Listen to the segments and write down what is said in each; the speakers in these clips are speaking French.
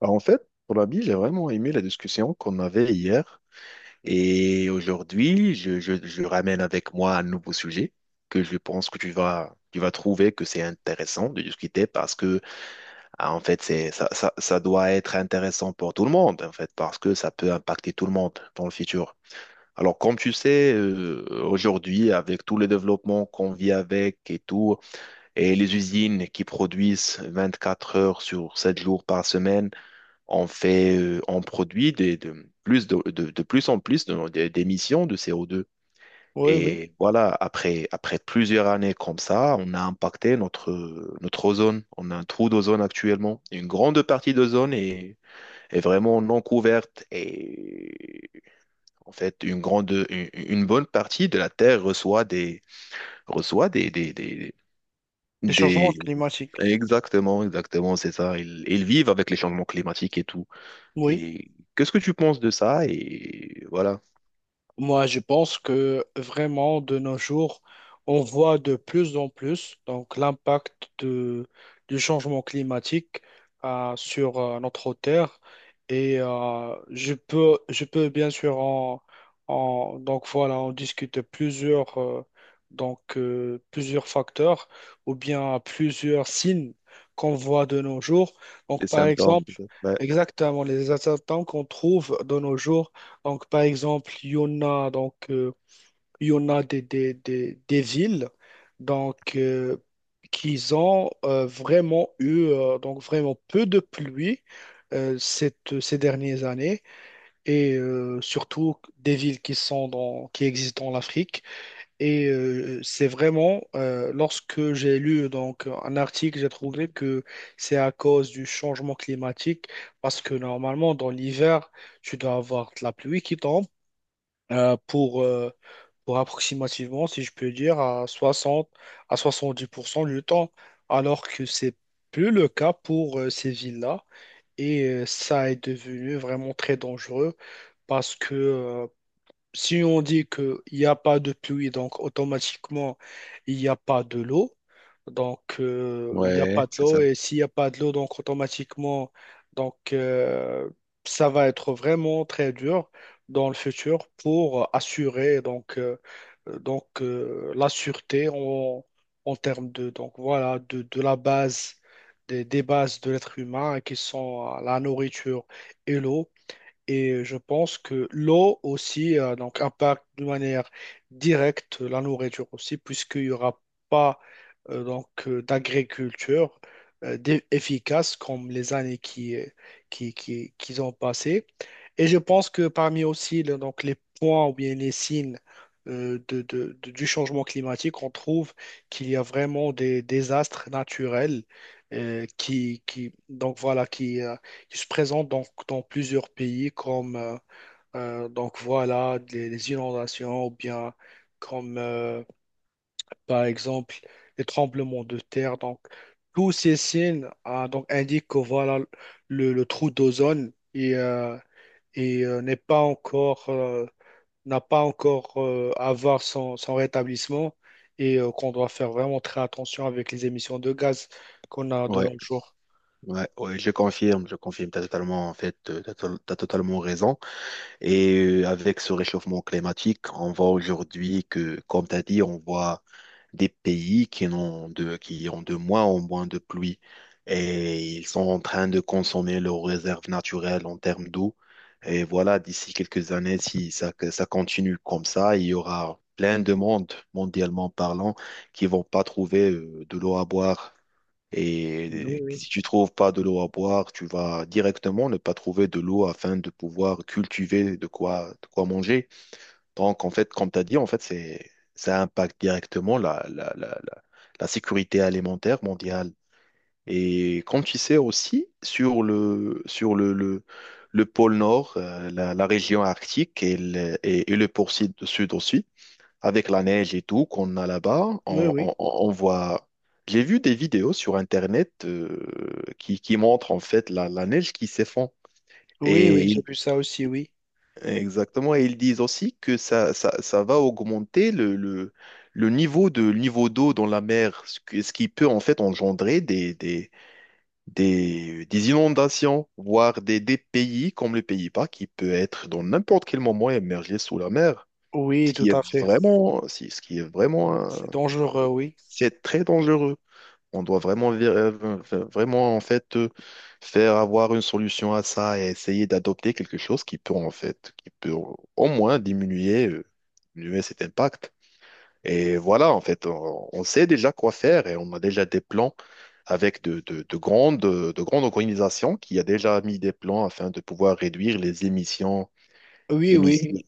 Pour la vie, j'ai vraiment aimé la discussion qu'on avait hier. Et aujourd'hui, je ramène avec moi un nouveau sujet que je pense que tu vas trouver que c'est intéressant de discuter parce que, c'est, ça doit être intéressant pour tout le monde, en fait, parce que ça peut impacter tout le monde dans le futur. Alors, comme tu sais, aujourd'hui, avec tous les développements qu'on vit avec et tout, et les usines qui produisent 24 heures sur 7 jours par semaine, on produit de plus en plus d'émissions de CO2. Oui, oui. Et voilà, après plusieurs années comme ça, on a impacté notre ozone. On a un trou d'ozone actuellement. Une grande partie d'ozone est vraiment non couverte. Et en fait, une bonne partie de la Terre reçoit des, des, des, Les changements des- climatiques. Exactement, exactement, c'est ça. Ils vivent avec les changements climatiques et tout. Oui. Et qu'est-ce que tu penses de ça? Et voilà, Moi, je pense que vraiment, de nos jours, on voit de plus en plus l'impact du changement climatique sur notre Terre. Je peux bien sûr donc voilà, on discute plusieurs plusieurs facteurs ou bien plusieurs signes qu'on voit de nos jours. Donc les par symptômes, exemple, peut-être. Ouais, exactement les attentats qu'on trouve de nos jours donc, par exemple, il y en a des, des villes donc, qui ont vraiment eu donc, vraiment peu de pluie ces dernières années surtout des villes qui sont qui existent en Afrique. C'est vraiment, lorsque j'ai lu donc, un article, j'ai trouvé que c'est à cause du changement climatique parce que normalement, dans l'hiver, tu dois avoir de la pluie qui tombe euh, pour, euh, pour approximativement, si je peux dire, à 60 à 70% du temps, alors que c'est plus le cas pour ces villes-là. Ça est devenu vraiment très dangereux parce que, si on dit qu'il n'y a pas de pluie, donc automatiquement, il n'y a pas de l'eau. Donc, il n'y a ouais, pas de c'est l'eau. ça. Et s'il n'y a pas de l'eau, donc automatiquement, donc, euh, ça va être vraiment très dur dans le futur pour assurer la sûreté en termes de, donc, voilà, de la base, des bases de l'être humain qui sont la nourriture et l'eau. Et je pense que l'eau aussi donc impacte de manière directe la nourriture aussi, puisqu'il n'y aura pas d'agriculture efficace comme les années qui ont passé. Et je pense que parmi aussi donc, les points ou bien les signes du changement climatique, on trouve qu'il y a vraiment des désastres naturels donc voilà, qui se présentent donc dans plusieurs pays comme donc voilà les inondations ou bien comme par exemple les tremblements de terre. Donc tous ces signes ah, donc indiquent que voilà le trou d'ozone n'est pas encore n'a pas encore à voir son, son rétablissement qu'on doit faire vraiment très attention avec les émissions de gaz qu'on a de Ouais, nos jours. ouais, ouais, je confirme, t'as totalement, en fait, t'as, to- t'as totalement raison. Et avec ce réchauffement climatique, on voit aujourd'hui que, comme t'as dit, on voit des pays qui ont de moins en moins de pluie et ils sont en train de consommer leurs réserves naturelles en termes d'eau. Et voilà, d'ici quelques années, si ça, que ça continue comme ça, il y aura plein de monde, mondialement parlant, qui vont pas trouver de l'eau à boire. Et si tu trouves pas de l'eau à boire, tu vas directement ne pas trouver de l'eau afin de pouvoir cultiver de quoi manger. Donc, en fait, comme tu as dit, en fait, c'est, ça impacte directement la sécurité alimentaire mondiale. Et comme tu sais aussi, le pôle Nord, la région arctique et et le pôle sud aussi, avec la neige et tout qu'on a là-bas, Oui, oui. On voit. J'ai vu des vidéos sur Internet qui montrent en fait la neige qui s'effondre. Oui, oui, j'ai Et vu ça aussi, oui. exactement, et ils disent aussi que ça va augmenter le niveau le niveau d'eau dans la mer, ce qui peut en fait engendrer des inondations, voire des pays comme le Pays-Bas qui peut être dans n'importe quel moment émergé sous la mer, ce Oui, tout qui est à fait. vraiment, si- ce qui est C'est dangereux, oui. c'est très dangereux. On doit vraiment en fait faire avoir une solution à ça et essayer d'adopter quelque chose qui peut au moins diminuer cet impact. Et voilà, en fait, on sait déjà quoi faire et on a déjà des plans avec de grandes organisations qui a déjà mis des plans afin de pouvoir réduire les Oui, émissions. oui.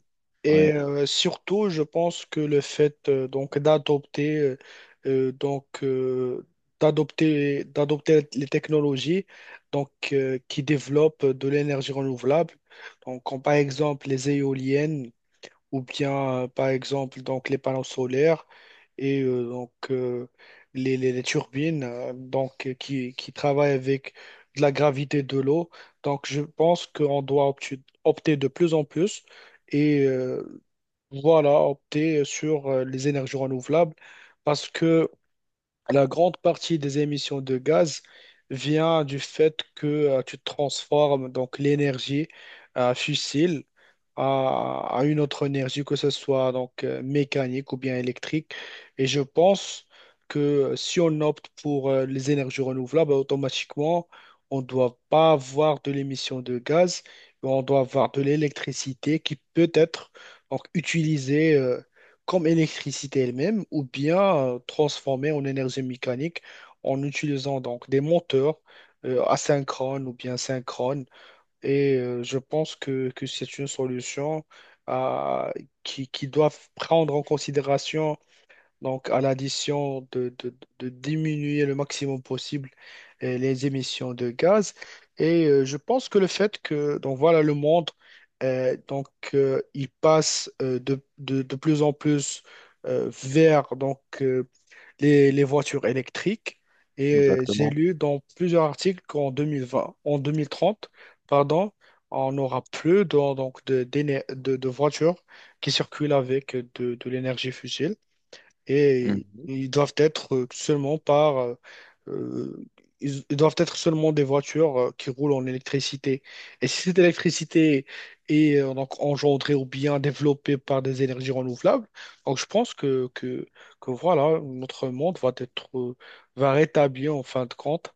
Ouais, Surtout, je pense que le fait donc d'adopter euh, donc euh, d'adopter les technologies qui développent de l'énergie renouvelable. Donc, comme par exemple les éoliennes ou bien par exemple donc les panneaux solaires et euh, donc euh, les, les turbines qui travaillent avec de la gravité de l'eau. Donc je pense qu'on doit opter de plus en plus et euh, voilà opter sur les énergies renouvelables parce que la grande partie des émissions de gaz vient du fait que tu transformes donc l'énergie fossile à une autre énergie, que ce soit mécanique ou bien électrique. Et je pense que si on opte pour les énergies renouvelables, automatiquement, on ne doit pas avoir de l'émission de gaz, mais on doit avoir de l'électricité qui peut être donc utilisée, comme électricité elle-même, ou bien transformer en énergie mécanique en utilisant donc des moteurs asynchrones ou bien synchrones. Je pense que c'est une solution euh, qui doit prendre en considération donc, à l'addition de diminuer le maximum possible les émissions de gaz. Je pense que le fait que, donc voilà, le monde, euh, donc, il passe de plus en plus vers les voitures électriques. J'ai exactement. lu dans plusieurs articles qu'en 2020, en 2030, pardon, on n'aura plus de voitures qui circulent avec de l'énergie fossile et Mmh. ils doivent être seulement par euh. Ils ils doivent être seulement des voitures qui roulent en électricité. Et si cette électricité est donc engendrée ou bien développée par des énergies renouvelables, donc je pense que voilà, notre monde va être, va rétablir en fin de compte.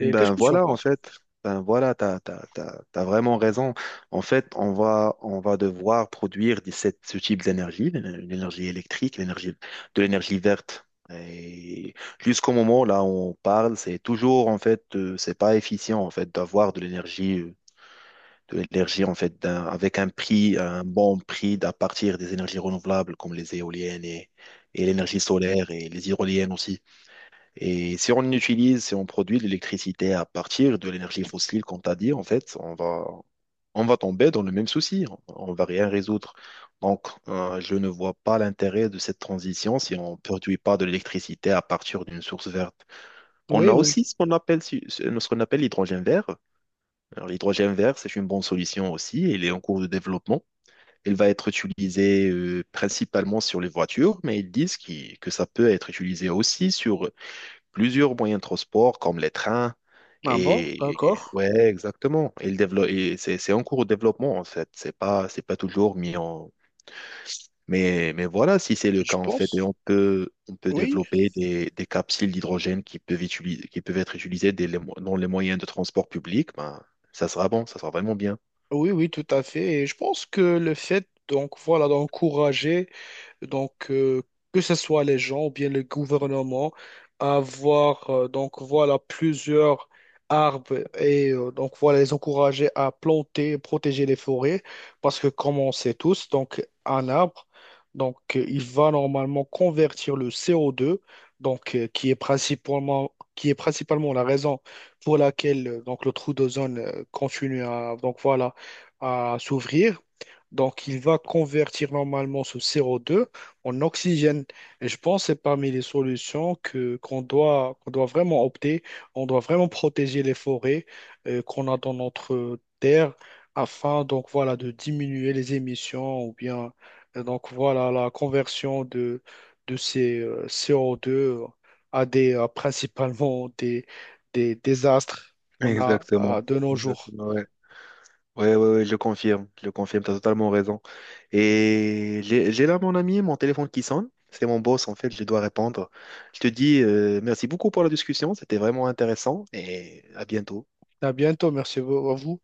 Et qu'est-ce que tu en voilà, en penses? fait, ben voilà, t'as vraiment raison. En fait, on va devoir produire ce type d'énergie, l'énergie électrique, de l'énergie verte. Et jusqu'au moment là où on parle, c'est toujours, en fait, c'est pas efficient, en fait, de l'énergie, en fait, avec un prix, un bon prix à partir des énergies renouvelables comme les éoliennes et l'énergie solaire et les hydroliennes aussi. Et si on produit de l'électricité à partir de l'énergie fossile, comme tu as dit, en fait, on va tomber dans le même souci. On va rien résoudre. Donc, je ne vois pas l'intérêt de cette transition si on ne produit pas de l'électricité à partir d'une source verte. On Oui, a oui. aussi ce qu'on appelle, ce qu'on appelle l'hydrogène vert. Alors, l'hydrogène vert, c'est une bonne solution aussi. Il est en cours de développement. Il va être utilisé principalement sur les voitures, mais ils disent que ça peut être utilisé aussi sur plusieurs moyens de transport comme les trains. Ah bon, d'accord. Ouais, exactement. Il développe, c'est en cours de développement en fait. C'est pas toujours mis en, mais voilà, si c'est le Je cas, en fait, et pense. On peut Oui, développer des capsules d'hydrogène qui peuvent être utilisées dans les moyens de transport public, ben, ça sera vraiment bien. oui, oui, tout à fait. Et je pense que le fait, donc voilà, d'encourager donc, que ce soit les gens ou bien le gouvernement, avoir donc voilà plusieurs arbres donc voilà les encourager à planter et protéger les forêts parce que comme on sait tous, donc un arbre, il va normalement convertir le CO2, qui est principalement la raison pour laquelle donc le trou d'ozone continue à donc voilà à s'ouvrir. Donc, il va convertir normalement ce CO2 en oxygène. Et je pense que c'est parmi les solutions que qu'on doit vraiment opter. On doit vraiment protéger les forêts qu'on a dans notre terre afin donc voilà de diminuer les émissions ou bien donc voilà la conversion de ces CO2 à des à principalement des désastres qu'on a Exactement. à de nos jours. Exactement, ouais. Ouais, ouais, ouais, je confirme, tu as totalement raison. Et j'ai là mon ami, mon téléphone qui sonne. C'est mon boss, en fait, je dois répondre. Je te dis merci beaucoup pour la discussion, c'était vraiment intéressant et à bientôt. À bientôt, merci à vous.